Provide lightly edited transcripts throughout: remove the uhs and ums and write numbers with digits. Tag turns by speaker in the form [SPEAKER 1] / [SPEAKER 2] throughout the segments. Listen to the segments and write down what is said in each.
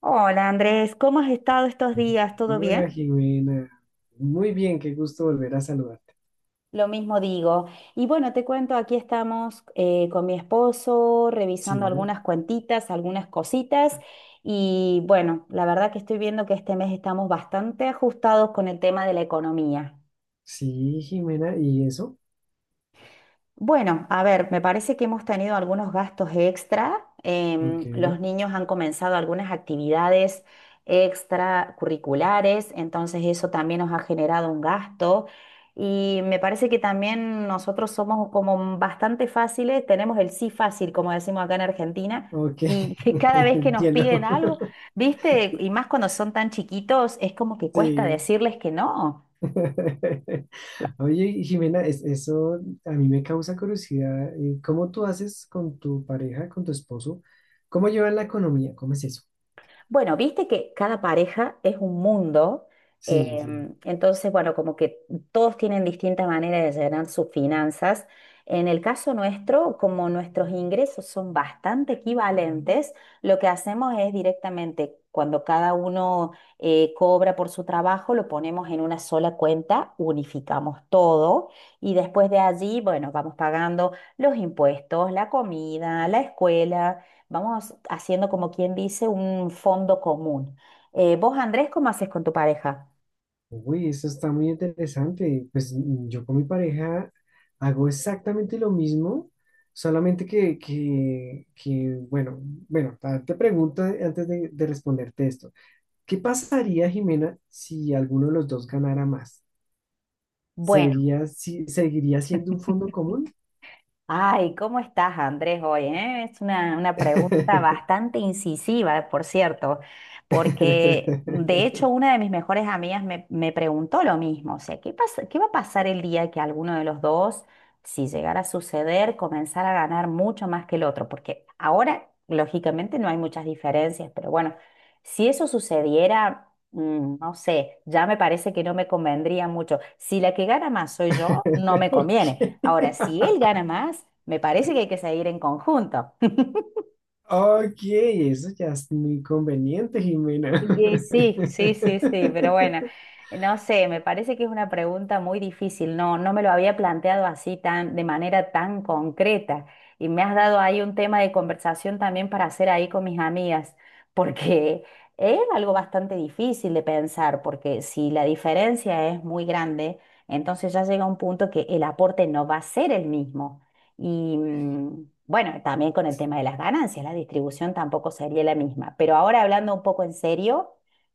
[SPEAKER 1] Hola Andrés, ¿cómo has estado estos días? ¿Todo bien?
[SPEAKER 2] Hola Jimena, muy bien, qué gusto volver a saludarte.
[SPEAKER 1] Lo mismo digo. Y bueno, te cuento, aquí estamos con mi esposo revisando
[SPEAKER 2] Sí,
[SPEAKER 1] algunas cuentitas, algunas cositas. Y bueno, la verdad que estoy viendo que este mes estamos bastante ajustados con el tema de la economía.
[SPEAKER 2] sí, Jimena, ¿y eso?
[SPEAKER 1] Bueno, a ver, me parece que hemos tenido algunos gastos extra. em,
[SPEAKER 2] Ok,
[SPEAKER 1] los niños han comenzado algunas actividades extracurriculares, entonces eso también nos ha generado un gasto. Y me parece que también nosotros somos como bastante fáciles, tenemos el sí fácil, como decimos acá en Argentina,
[SPEAKER 2] ok,
[SPEAKER 1] y que cada vez que nos piden
[SPEAKER 2] entiendo.
[SPEAKER 1] algo, viste, y más cuando son tan chiquitos, es como que cuesta
[SPEAKER 2] Sí.
[SPEAKER 1] decirles que no.
[SPEAKER 2] Oye, Jimena, eso a mí me causa curiosidad. ¿Cómo tú haces con tu pareja, con tu esposo? ¿Cómo llevan la economía? ¿Cómo es eso?
[SPEAKER 1] Bueno, viste que cada pareja es un mundo.
[SPEAKER 2] Sí, sí.
[SPEAKER 1] Entonces, bueno, como que todos tienen distintas maneras de llenar sus finanzas. En el caso nuestro, como nuestros ingresos son bastante equivalentes, lo que hacemos es directamente, cuando cada uno cobra por su trabajo, lo ponemos en una sola cuenta, unificamos todo y después de allí, bueno, vamos pagando los impuestos, la comida, la escuela. Vamos haciendo como quien dice un fondo común. Vos, Andrés, ¿cómo haces con tu pareja?
[SPEAKER 2] Uy, eso está muy interesante. Pues yo con mi pareja hago exactamente lo mismo, solamente que, bueno, te pregunto antes de responderte esto. ¿Qué pasaría, Jimena, si alguno de los dos ganara más?
[SPEAKER 1] Bueno,
[SPEAKER 2] ¿Sería, si, Seguiría siendo un fondo común?
[SPEAKER 1] ay, ¿cómo estás, Andrés, hoy? Es una pregunta bastante incisiva, por cierto, porque de hecho una de mis mejores amigas me preguntó lo mismo, o sea, ¿qué va a pasar el día que alguno de los dos, si llegara a suceder, comenzara a ganar mucho más que el otro? Porque ahora, lógicamente, no hay muchas diferencias, pero bueno, si eso sucediera. No sé, ya me parece que no me convendría mucho. Si la que gana más soy yo, no me
[SPEAKER 2] Ok,
[SPEAKER 1] conviene. Ahora, si él gana más, me parece que hay que seguir en conjunto.
[SPEAKER 2] ok, eso ya es muy conveniente, Jimena.
[SPEAKER 1] Y sí, sí, sí, sí, pero bueno, no sé, me parece que es una pregunta muy difícil, no, no me lo había planteado así tan, de manera tan concreta, y me has dado ahí un tema de conversación también para hacer ahí con mis amigas, porque es algo bastante difícil de pensar, porque si la diferencia es muy grande, entonces ya llega un punto que el aporte no va a ser el mismo. Y bueno, también con el tema de las ganancias, la distribución tampoco sería la misma. Pero ahora hablando un poco en serio,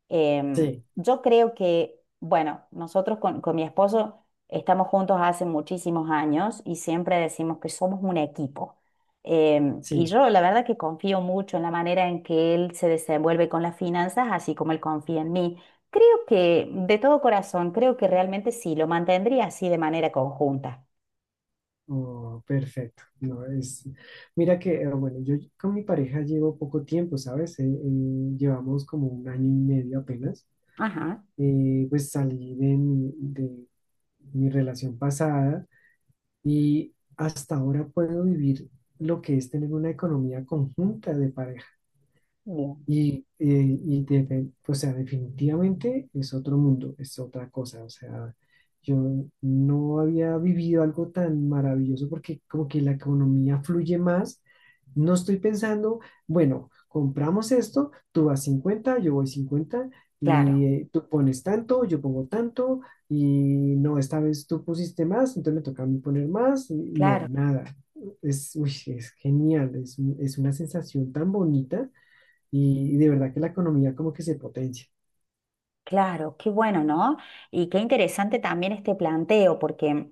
[SPEAKER 2] Sí,
[SPEAKER 1] yo creo que, bueno, nosotros con mi esposo estamos juntos hace muchísimos años y siempre decimos que somos un equipo. Y
[SPEAKER 2] sí.
[SPEAKER 1] yo la verdad que confío mucho en la manera en que él se desenvuelve con las finanzas, así como él confía en mí. Creo que, de todo corazón, creo que realmente sí, lo mantendría así de manera conjunta.
[SPEAKER 2] Oh, perfecto. No, es... Mira que, bueno, yo con mi pareja llevo poco tiempo, ¿sabes? Llevamos como 1 año y medio apenas.
[SPEAKER 1] Ajá,
[SPEAKER 2] Pues salí de mi relación pasada y hasta ahora puedo vivir lo que es tener una economía conjunta de pareja.
[SPEAKER 1] bien,
[SPEAKER 2] Y o sea, definitivamente es otro mundo, es otra cosa. O sea, yo no había vivido algo tan maravilloso porque como que la economía fluye más. No estoy pensando, bueno, compramos esto, tú vas 50, yo voy 50
[SPEAKER 1] claro.
[SPEAKER 2] y tú pones tanto, yo pongo tanto, y no, esta vez tú pusiste más, entonces me toca a mí poner más. Y no,
[SPEAKER 1] Claro,
[SPEAKER 2] nada. Es, uy, es genial, es, es una sensación tan bonita y de verdad que la economía como que se potencia.
[SPEAKER 1] claro, qué bueno, ¿no? Y qué interesante también este planteo, porque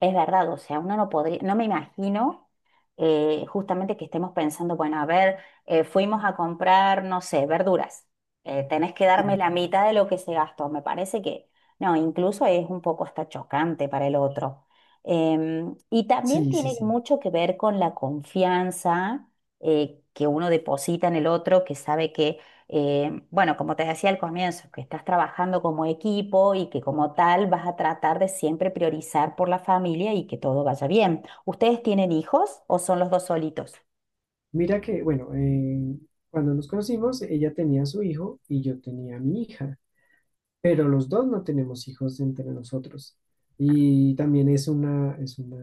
[SPEAKER 1] es verdad, o sea, uno no podría, no me imagino justamente que estemos pensando, bueno, a ver, fuimos a comprar, no sé, verduras, tenés que
[SPEAKER 2] Sí,
[SPEAKER 1] darme la mitad de lo que se gastó, me parece que, no, incluso es un poco hasta chocante para el otro. Y también
[SPEAKER 2] sí, sí,
[SPEAKER 1] tiene
[SPEAKER 2] sí.
[SPEAKER 1] mucho que ver con la confianza que uno deposita en el otro, que sabe que. Bueno, como te decía al comienzo, que estás trabajando como equipo y que como tal vas a tratar de siempre priorizar por la familia y que todo vaya bien. ¿Ustedes tienen hijos o son los dos solitos?
[SPEAKER 2] Mira que, bueno, cuando nos conocimos, ella tenía su hijo y yo tenía mi hija, pero los dos no tenemos hijos entre nosotros. Y también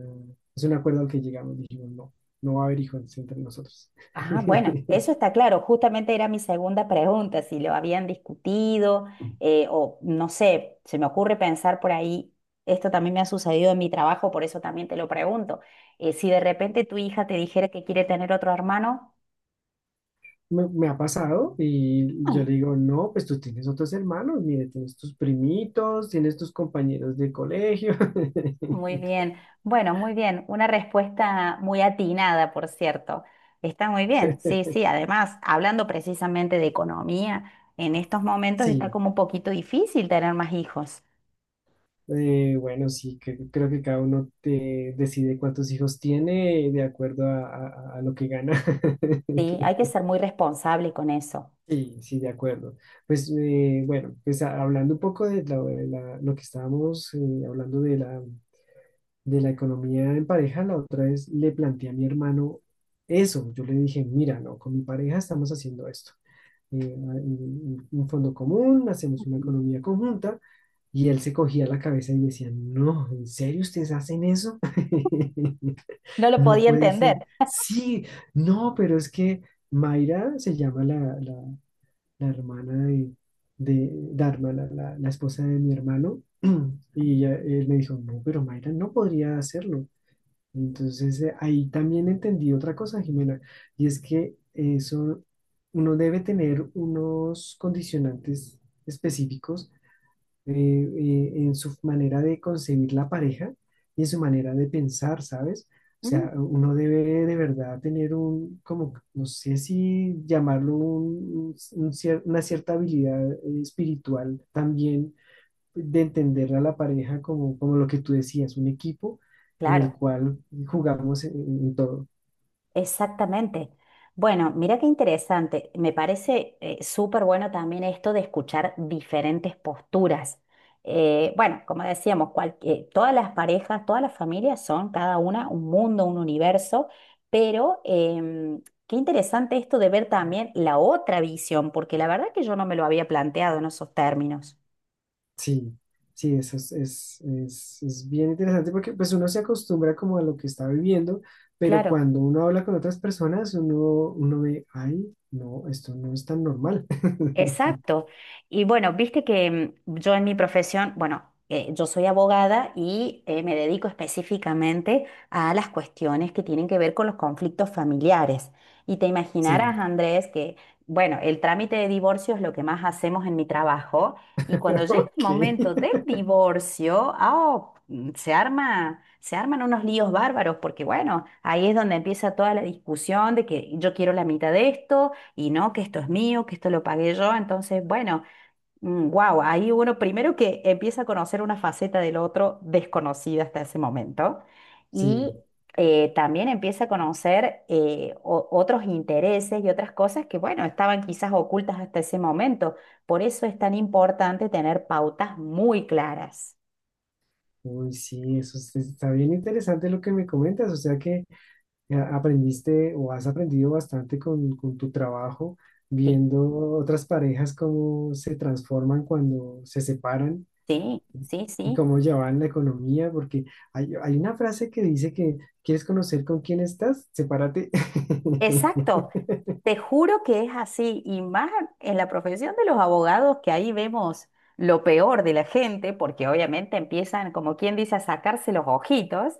[SPEAKER 2] es un acuerdo al que llegamos, dijimos, no, no va a haber hijos entre nosotros.
[SPEAKER 1] Ah, bueno, eso está claro. Justamente era mi segunda pregunta, si lo habían discutido, o no sé, se me ocurre pensar por ahí, esto también me ha sucedido en mi trabajo, por eso también te lo pregunto. Si de repente tu hija te dijera que quiere tener otro hermano.
[SPEAKER 2] Me ha pasado y yo
[SPEAKER 1] ah,
[SPEAKER 2] le digo, no, pues tú tienes otros hermanos, mire, tienes tus primitos, tienes tus compañeros de colegio.
[SPEAKER 1] Muy bien. Bueno, muy bien. Una respuesta muy atinada, por cierto. Está muy bien. Sí, sí. Además, hablando precisamente de economía, en estos momentos está
[SPEAKER 2] Sí.
[SPEAKER 1] como un poquito difícil tener más hijos.
[SPEAKER 2] Bueno, sí, que creo que cada uno decide cuántos hijos tiene de acuerdo a lo que gana.
[SPEAKER 1] Sí, hay que ser muy responsable con eso.
[SPEAKER 2] Sí, sí, de acuerdo. Pues bueno, pues hablando un poco de lo que estábamos hablando de la economía en pareja, la otra vez le planteé a mi hermano eso. Yo le dije, mira, no, con mi pareja estamos haciendo esto. eh, un fondo común, hacemos una economía conjunta. Y él se cogía la cabeza y decía, no, ¿en serio ustedes hacen eso?
[SPEAKER 1] No lo
[SPEAKER 2] No
[SPEAKER 1] podía
[SPEAKER 2] puede ser.
[SPEAKER 1] entender.
[SPEAKER 2] Sí, no, pero es que Mayra se llama la hermana de Dharma, la esposa de mi hermano. Y él me dijo, no, pero Mayra no podría hacerlo. Entonces, ahí también entendí otra cosa, Jimena, y es que eso, uno debe tener unos condicionantes específicos eh, en su manera de concebir la pareja y en su manera de pensar, ¿sabes? O sea,
[SPEAKER 1] Mm.
[SPEAKER 2] uno debe de verdad tener un, como, no sé si llamarlo un una cierta habilidad espiritual también de entender a la pareja como, como lo que tú decías, un equipo en el
[SPEAKER 1] Claro.
[SPEAKER 2] cual jugamos en todo.
[SPEAKER 1] Exactamente. Bueno, mira qué interesante. Me parece súper bueno también esto de escuchar diferentes posturas. Bueno, como decíamos, todas las parejas, todas las familias son cada una un mundo, un universo, pero qué interesante esto de ver también la otra visión, porque la verdad que yo no me lo había planteado en esos términos.
[SPEAKER 2] Sí, sí, eso es, es bien interesante porque pues uno se acostumbra como a lo que está viviendo, pero
[SPEAKER 1] Claro.
[SPEAKER 2] cuando uno habla con otras personas, uno, uno ve, ay, no, esto no es tan normal.
[SPEAKER 1] Exacto. Y bueno, viste que yo en mi profesión, bueno, yo soy abogada y me dedico específicamente a las cuestiones que tienen que ver con los conflictos familiares. Y te
[SPEAKER 2] Sí,
[SPEAKER 1] imaginarás, Andrés, que, bueno, el trámite de divorcio es lo que más hacemos en mi trabajo. Y cuando llega el momento
[SPEAKER 2] ok,
[SPEAKER 1] del divorcio, se arman unos líos bárbaros, porque bueno, ahí es donde empieza toda la discusión de que yo quiero la mitad de esto y no, que esto es mío, que esto lo pagué yo. Entonces, bueno, wow, ahí uno primero que empieza a conocer una faceta del otro desconocida hasta ese momento, y
[SPEAKER 2] sí.
[SPEAKER 1] también empieza a conocer otros intereses y otras cosas que, bueno, estaban quizás ocultas hasta ese momento. Por eso es tan importante tener pautas muy claras.
[SPEAKER 2] Uy, sí, está bien interesante lo que me comentas, o sea que aprendiste o has aprendido bastante con tu trabajo,
[SPEAKER 1] Sí,
[SPEAKER 2] viendo otras parejas cómo se transforman cuando se separan
[SPEAKER 1] sí, sí,
[SPEAKER 2] y
[SPEAKER 1] sí.
[SPEAKER 2] cómo llevan la economía, porque hay una frase que dice que quieres conocer con quién estás, sepárate.
[SPEAKER 1] Exacto. Te juro que es así, y más en la profesión de los abogados, que ahí vemos lo peor de la gente, porque obviamente empiezan, como quien dice, a sacarse los ojitos.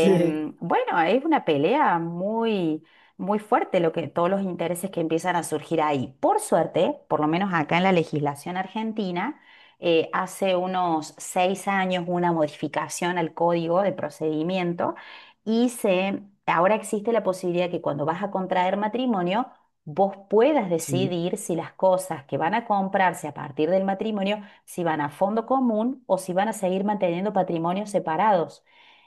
[SPEAKER 2] Sí,
[SPEAKER 1] bueno, es una pelea muy, muy fuerte lo que, todos los intereses que empiezan a surgir ahí. Por suerte, por lo menos acá en la legislación argentina, hace unos 6 años una modificación al código de procedimiento, y ahora existe la posibilidad que cuando vas a contraer matrimonio, vos puedas
[SPEAKER 2] sí.
[SPEAKER 1] decidir si las cosas que van a comprarse a partir del matrimonio, si van a fondo común o si van a seguir manteniendo patrimonios separados.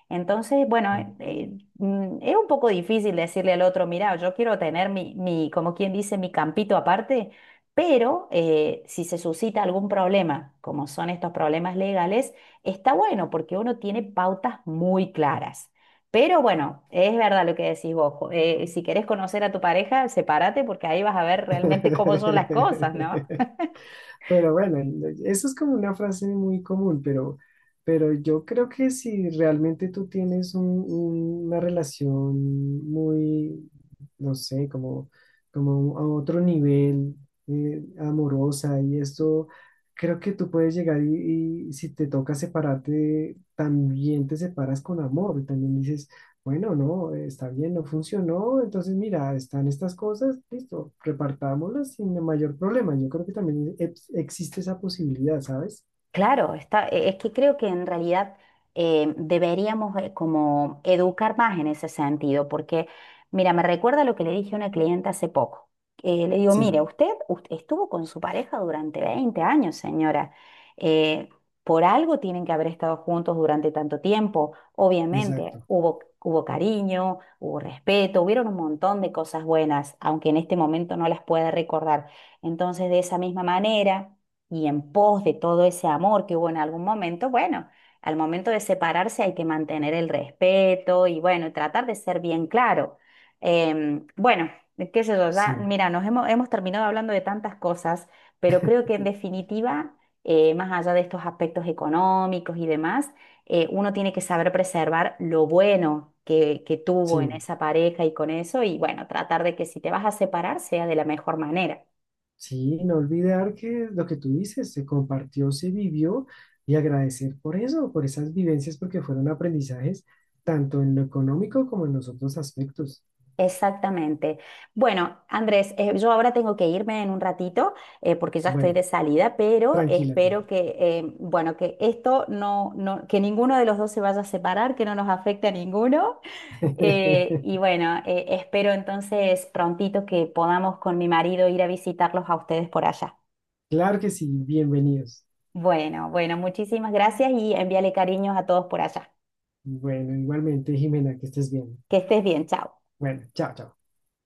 [SPEAKER 1] Entonces, bueno,
[SPEAKER 2] Oh.
[SPEAKER 1] es un poco difícil decirle al otro, mira, yo quiero tener mi, como quien dice, mi campito aparte, pero si se suscita algún problema, como son estos problemas legales, está bueno porque uno tiene pautas muy claras. Pero bueno, es verdad lo que decís vos. Si querés conocer a tu pareja, sepárate porque ahí vas a ver realmente cómo son las cosas, ¿no?
[SPEAKER 2] Pero bueno, eso es como una frase muy común, pero yo creo que si realmente tú tienes una relación muy, no sé, como, como a otro nivel, amorosa y esto, creo que tú puedes llegar y si te toca separarte, también te separas con amor, también dices, bueno, no, está bien, no funcionó. Entonces, mira, están estas cosas, listo, repartámoslas sin mayor problema. Yo creo que también existe esa posibilidad, ¿sabes?
[SPEAKER 1] Claro, es que creo que en realidad deberíamos como educar más en ese sentido, porque mira, me recuerda lo que le dije a una cliente hace poco. Le digo,
[SPEAKER 2] Sí,
[SPEAKER 1] mire, estuvo con su pareja durante 20 años, señora. Eh, por algo tienen que haber estado juntos durante tanto tiempo. Obviamente,
[SPEAKER 2] exacto.
[SPEAKER 1] hubo cariño, hubo respeto, hubieron un montón de cosas buenas, aunque en este momento no las pueda recordar. Entonces, de esa misma manera y en pos de todo ese amor que hubo en algún momento, bueno, al momento de separarse hay que mantener el respeto y bueno, tratar de ser bien claro. Bueno, qué sé yo, ya,
[SPEAKER 2] Sí,
[SPEAKER 1] mira, hemos terminado hablando de tantas cosas, pero creo que en definitiva, más allá de estos aspectos económicos y demás, uno tiene que saber preservar lo bueno. Que tuvo en
[SPEAKER 2] sí,
[SPEAKER 1] esa pareja y con eso, y bueno, tratar de que si te vas a separar sea de la mejor manera.
[SPEAKER 2] sí, no olvidar que lo que tú dices se compartió, se vivió y agradecer por eso, por esas vivencias, porque fueron aprendizajes tanto en lo económico como en los otros aspectos.
[SPEAKER 1] Exactamente. Bueno, Andrés, yo ahora tengo que irme en un ratito, porque ya estoy
[SPEAKER 2] Bueno,
[SPEAKER 1] de salida, pero
[SPEAKER 2] tranquila,
[SPEAKER 1] espero
[SPEAKER 2] tranquila.
[SPEAKER 1] que, bueno, que esto no, que ninguno de los dos se vaya a separar, que no nos afecte a ninguno. Y bueno, espero entonces prontito que podamos con mi marido ir a visitarlos a ustedes por allá.
[SPEAKER 2] Claro que sí, bienvenidos.
[SPEAKER 1] Bueno, bueno, muchísimas gracias y envíale cariños a todos por allá.
[SPEAKER 2] Bueno, igualmente, Jimena, que estés bien.
[SPEAKER 1] Que estés bien, chao.
[SPEAKER 2] Bueno, chao, chao.